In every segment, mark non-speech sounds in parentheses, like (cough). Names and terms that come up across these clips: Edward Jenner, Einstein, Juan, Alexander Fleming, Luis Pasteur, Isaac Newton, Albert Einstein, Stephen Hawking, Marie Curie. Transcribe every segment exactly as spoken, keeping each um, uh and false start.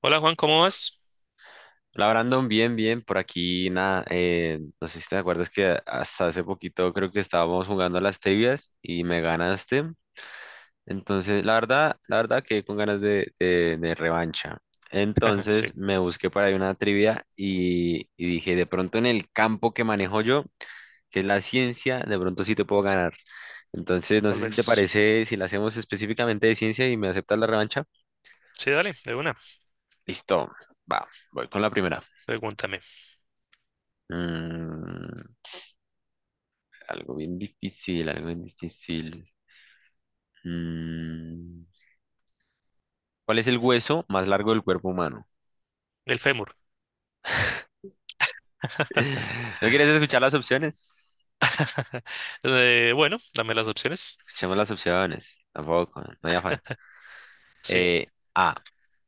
Hola Juan, ¿cómo vas? La Brandon, bien, bien, por aquí nada, eh, no sé si te acuerdas que hasta hace poquito creo que estábamos jugando a las trivias y me ganaste, entonces la verdad, la verdad que con ganas de, de- de revancha, (laughs) entonces Sí, me busqué por ahí una trivia y, y dije, de pronto en el campo que manejo yo, que es la ciencia, de pronto sí te puedo ganar, entonces no tal sé si te vez. parece, si la hacemos específicamente de ciencia y me aceptas la revancha, Sí, dale, de una. listo, va, voy con la primera. Pregúntame. Mm, Algo bien difícil, algo bien difícil. Mm, ¿Cuál es el hueso más largo del cuerpo humano? El fémur. (laughs) (laughs) ¿No quieres escuchar las opciones? Eh, bueno, dame las opciones. Escuchemos las opciones. Tampoco, no hay afán. Sí, Eh, A,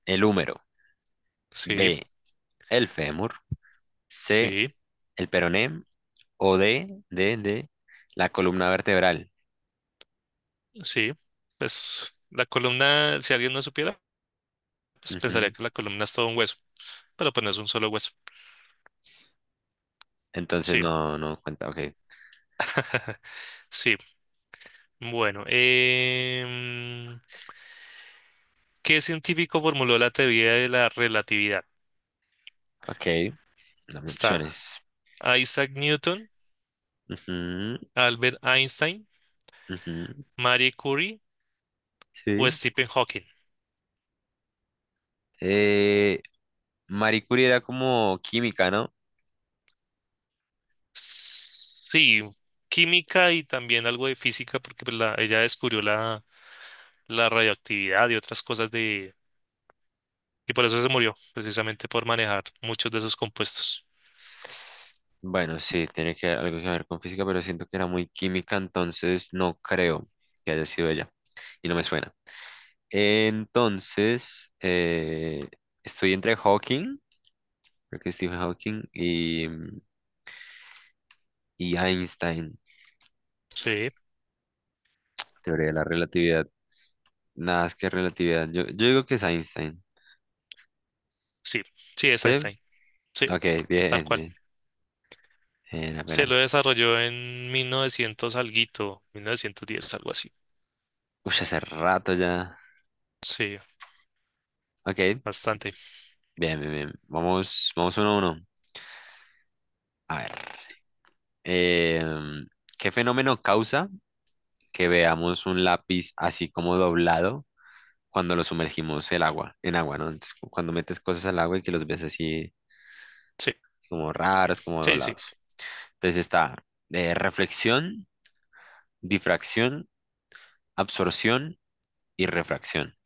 el húmero. sí, B, el fémur. C, sí, el peroné. O D, D, D, la columna vertebral. sí. Pues la columna, si alguien no supiera, pues pensaría Ujú. que la columna es todo un hueso, pero pues no es un solo hueso. Entonces Sí, no, no cuenta. Ok, sí. Bueno, em, ¿qué científico formuló la teoría de la relatividad? ok. Dame Está opciones. Isaac Newton, Ujú, Albert Einstein, ujú. Marie Curie o Sí. Stephen Hawking. Eh, Marie Curie era como química, ¿no? Sí, química y también algo de física, porque pues, la- ella descubrió la, la radioactividad y otras cosas de... Y por eso se murió, precisamente por manejar muchos de esos compuestos. Bueno, sí, tiene que algo que ver con física, pero siento que era muy química, entonces no creo que haya sido ella. Y no me suena. Entonces, eh, estoy entre Hawking, creo que Stephen Hawking, y, y Einstein, Sí, teoría de la relatividad. Nada, es que relatividad. Yo, yo digo que es Einstein. sí, sí, es ¿Sí? Einstein. Sí, Ok, tal bien, cual. bien. Bien, Se lo apenas. desarrolló en mil novecientos alguito, mil novecientos diez algo así. Uy, hace rato ya. Sí, Ok, bastante. bien, bien, bien. Vamos, vamos uno a uno. A ver. Em, ¿Qué fenómeno causa que veamos un lápiz así como doblado cuando lo sumergimos el agua, en agua, ¿no? Entonces, cu- cuando metes cosas al agua y que los ves así Sí, como raros, como sí, sí. doblados. Entonces está eh, reflexión, difracción, absorción y refracción.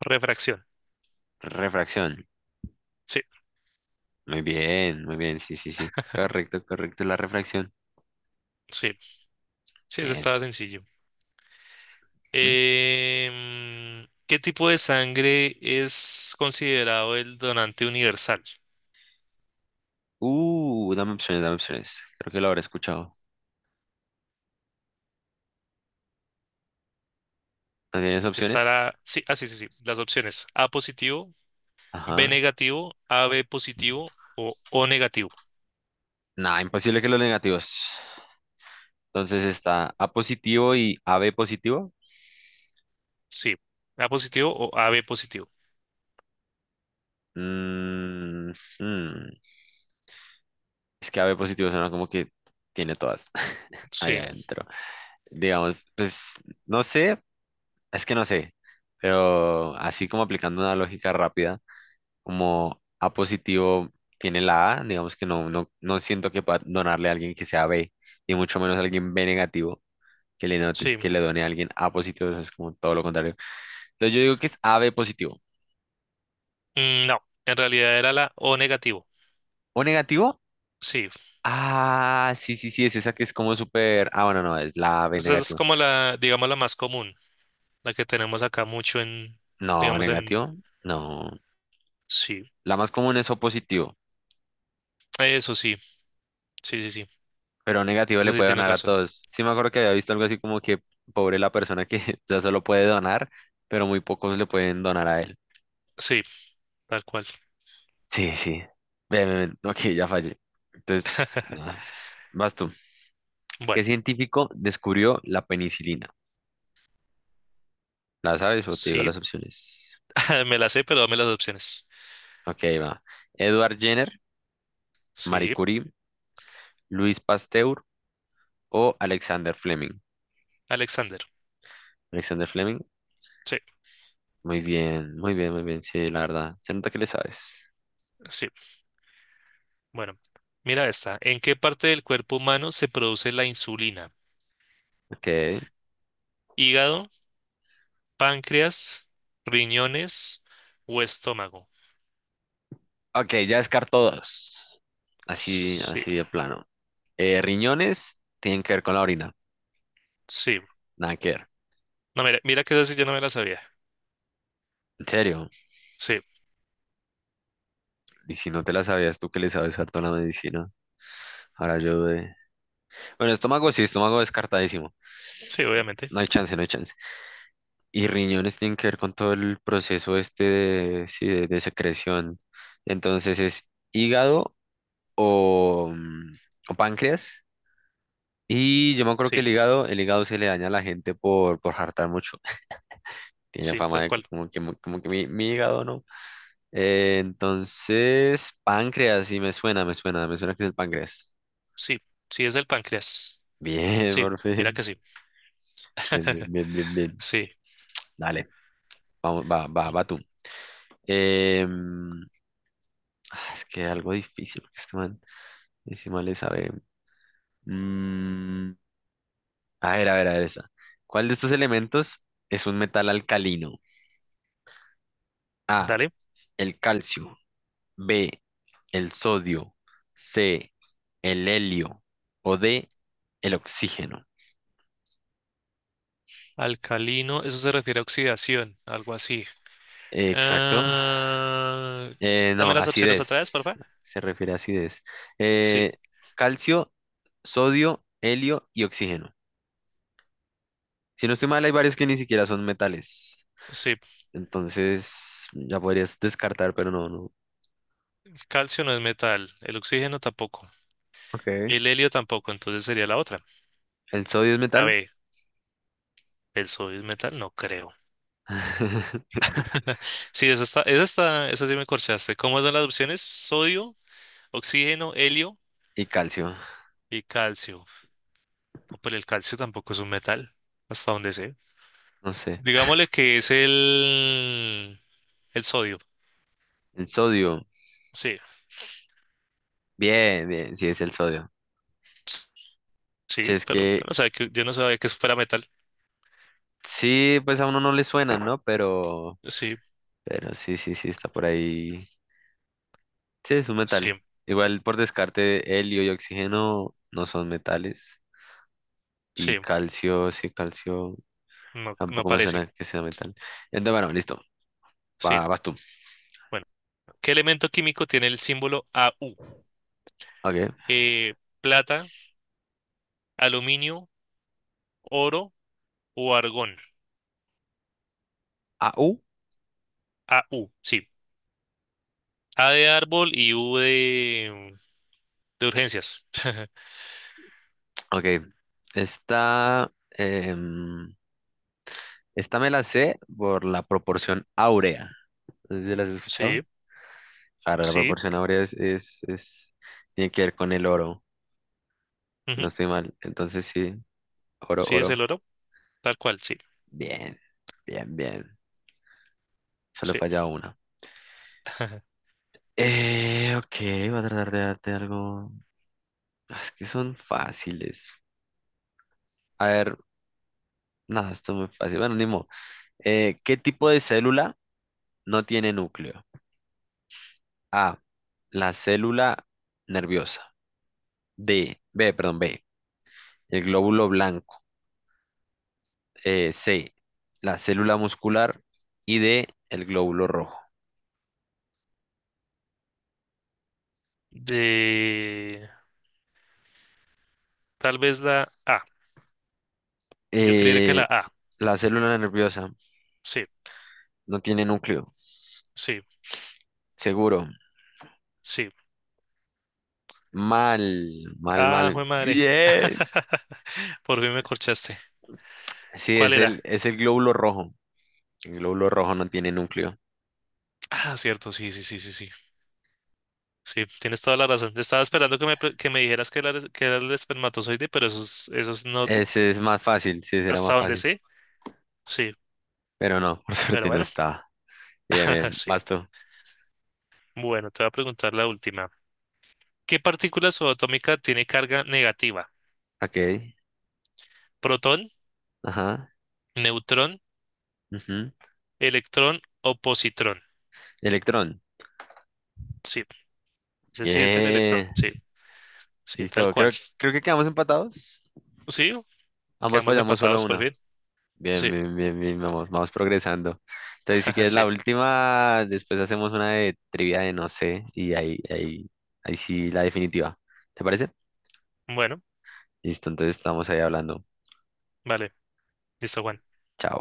Refracción. Refracción. Sí, Muy bien, muy bien, sí, sí, sí. Correcto, correcto, la refracción. sí. Sí, eso Bien. estaba sencillo. ¿Mm? Em, ¿qué tipo de sangre es considerado el donante universal? Uh, dame opciones, dame opciones. Creo que lo habré escuchado. ¿No tienes opciones? Estará, sí, ah, sí, sí, sí, las opciones, A positivo, B Ajá. negativo, A B positivo o O negativo. Nada, imposible que los negativos. Entonces está A positivo y A B positivo. Sí, A positivo o A B positivo. Mm, hmm, Es que A B positivo suena como que tiene todas (laughs) ahí Sí, adentro. Digamos, pues no sé, es que no sé, pero así como aplicando una lógica rápida, como A positivo tiene la A, digamos que no, no, no siento que pueda donarle a alguien que sea B, y mucho menos a alguien B negativo, que le, note- que sí. le done a alguien A positivo, eso es como todo lo contrario. Entonces yo digo que es A B positivo. Mm, no, en realidad era la O negativo. ¿O negativo? Sí, Ah, sí, sí, sí, es esa que es como súper. Ah, bueno, no, es la B esa es negativo. como la, digamos, la más común, la que tenemos acá mucho en, No, digamos, en, negativo, no. sí, La más común es O positivo, eso sí, sí, sí, sí, pero negativo eso le sí puede tienes donar a razón. todos. Sí, me acuerdo que había visto algo así como que pobre la persona que (laughs) ya solo puede donar, pero muy pocos le pueden donar a él. Sí, tal cual. Sí, sí. Ven, ven, ven. Ok, ya fallé. Entonces, ah, vas tú. ¿Qué Bueno, científico descubrió la penicilina? ¿La sabes o te digo sí, las opciones? (laughs) me la sé, pero dame las opciones. Ok, va. Edward Jenner, Marie Sí, Curie, Luis Pasteur o Alexander Fleming. Alexander. Alexander Fleming, Sí, muy bien, muy bien, muy bien, sí, la verdad. Se nota que le sabes. sí. Bueno, mira esta. ¿En qué parte del cuerpo humano se produce la insulina? Ok, ¿Hígado, páncreas, riñones o estómago? ok, ya descarto dos. Así, Sí, así de plano. Eh, riñones tienen que ver con la orina, sí. nada que ver. No, mira, mira que esa sí yo no me la sabía. En serio, Sí, y si no te la sabías tú que le sabes harto a la medicina, ahora yo de... Bueno, estómago sí, estómago descartadísimo. sí, obviamente. No hay chance, no hay chance. Y riñones tienen que ver con todo el proceso este de, sí, de de secreción. Entonces es hígado o, mm, o páncreas. Y yo me acuerdo que Sí, el hígado, el hígado se le daña a la gente por, por hartar mucho. (laughs) Tiene sí, fama tal de cual. como que, mu- como que mi, mi hígado, ¿no? Eh, entonces, páncreas, sí, me suena, me suena, me suena que es el páncreas. Sí, sí es el páncreas. (laughs) Bien, Sí, por mira fin. que sí. Bien, bien, (laughs) bien, bien, bien. Sí. Dale, vamos, va, va, va tú. Em, ah, es que algo difícil, porque este man, ese man le sabe. Mm, a ver, a ver, a ver esta. ¿Cuál de estos elementos es un metal alcalino? A, Dale. el calcio, B, el sodio, C, el helio o D, el oxígeno. Alcalino, eso se refiere a oxidación, algo así. Eh, Exacto. Ah, Eh, no, dame las opciones otra vez, por acidez. favor. Se refiere a acidez. Eh, Sí, calcio, sodio, helio y oxígeno. Si no estoy mal, hay varios que ni siquiera son metales. sí. Entonces, ya podrías descartar, pero no, no. Calcio no es metal. El oxígeno tampoco. Ok. El helio tampoco. Entonces sería la otra. ¿El sodio es A metal? ver, ¿el sodio es metal? No creo. (laughs) (laughs) Sí, esa está, esa está, esa sí me corchaste. ¿Cómo son las opciones? Sodio, oxígeno, helio Y calcio. y calcio. No, pero el calcio tampoco es un metal, hasta donde sé. No sé. Digámosle que es el, el sodio. El sodio. Sí, Bien, bien, sí es el sodio. s- Si sí, es pero yo que no sabía que, yo no sabía que eso fuera metal. sí, pues a uno no le suena, ¿no? Pero, Sí, pero sí, sí, sí, está por ahí. Sí, es un sí. metal. Igual por descarte, helio y oxígeno no son metales. Y Sí, calcio, sí, calcio no, no tampoco me parece. suena que sea metal. Entonces, bueno, listo. Sí, Va, vas tú. bueno. ¿Qué elemento químico tiene el símbolo A U? Ok. Eh, plata, aluminio, oro o argón. Ah, uh, A U, sí. A de árbol y U de, de urgencias. (laughs) ok. Esta, em, esta me la sé por la proporción áurea. ¿No sé si las has Sí, escuchado? Claro, la sí. proporción áurea es, es, es- tiene que ver con el oro. Si no Ujú, estoy mal. Entonces sí, oro, sí, es el oro. oro. Tal cual, sí. Bien, bien, bien. Solo Sí. falla una. (laughs) Eh, ok, voy a tratar de darte algo. Ah, es que son fáciles. A ver, no, esto es muy fácil. Bueno, ni modo. Eh, ¿qué tipo de célula no tiene núcleo? A, la célula nerviosa. D, B, perdón, B, el glóbulo blanco. Eh, C, la célula muscular. Y D, el glóbulo rojo. De... Tal vez la A. Yo creería que la Eh, A. la célula nerviosa Sí, no tiene núcleo. sí, Seguro. sí. Mal, mal, Ah, mal. jue madre. Bien. (laughs) Por fin me corchaste. Sí, ¿Cuál es era? el, es el glóbulo rojo. El glóbulo rojo no tiene núcleo. Ah, cierto, sí, sí, sí, sí, sí. Sí, tienes toda la razón. Estaba esperando que me, pre- que me dijeras que era, el- que era el espermatozoide, pero eso es, eso es no Ese es más fácil, sí, será hasta más donde fácil. sé. Sí, Pero no, por (laughs) pero suerte no bueno, está. Bien, (laughs) bien. sí. Basto. Bueno, te voy a preguntar la última. ¿Qué partícula subatómica tiene carga negativa? Ok. ¿Protón, Ajá. neutrón, Ujú. electrón o positrón? Electrón. Sí, ese sí es el electrón. Bien. Sí, sí, tal Listo. cual. Creo, creo que quedamos empatados. Sí, Ambos quedamos fallamos solo empatados por una. fin. Bien, Sí, bien, bien, bien, vamos, vamos progresando. Entonces, si (laughs) quieres la sí. última, después hacemos una de trivia de no sé, y ahí, ahí, ahí sí la definitiva. ¿Te parece? Bueno, Listo, entonces estamos ahí hablando. vale. Listo, Juan. Chao.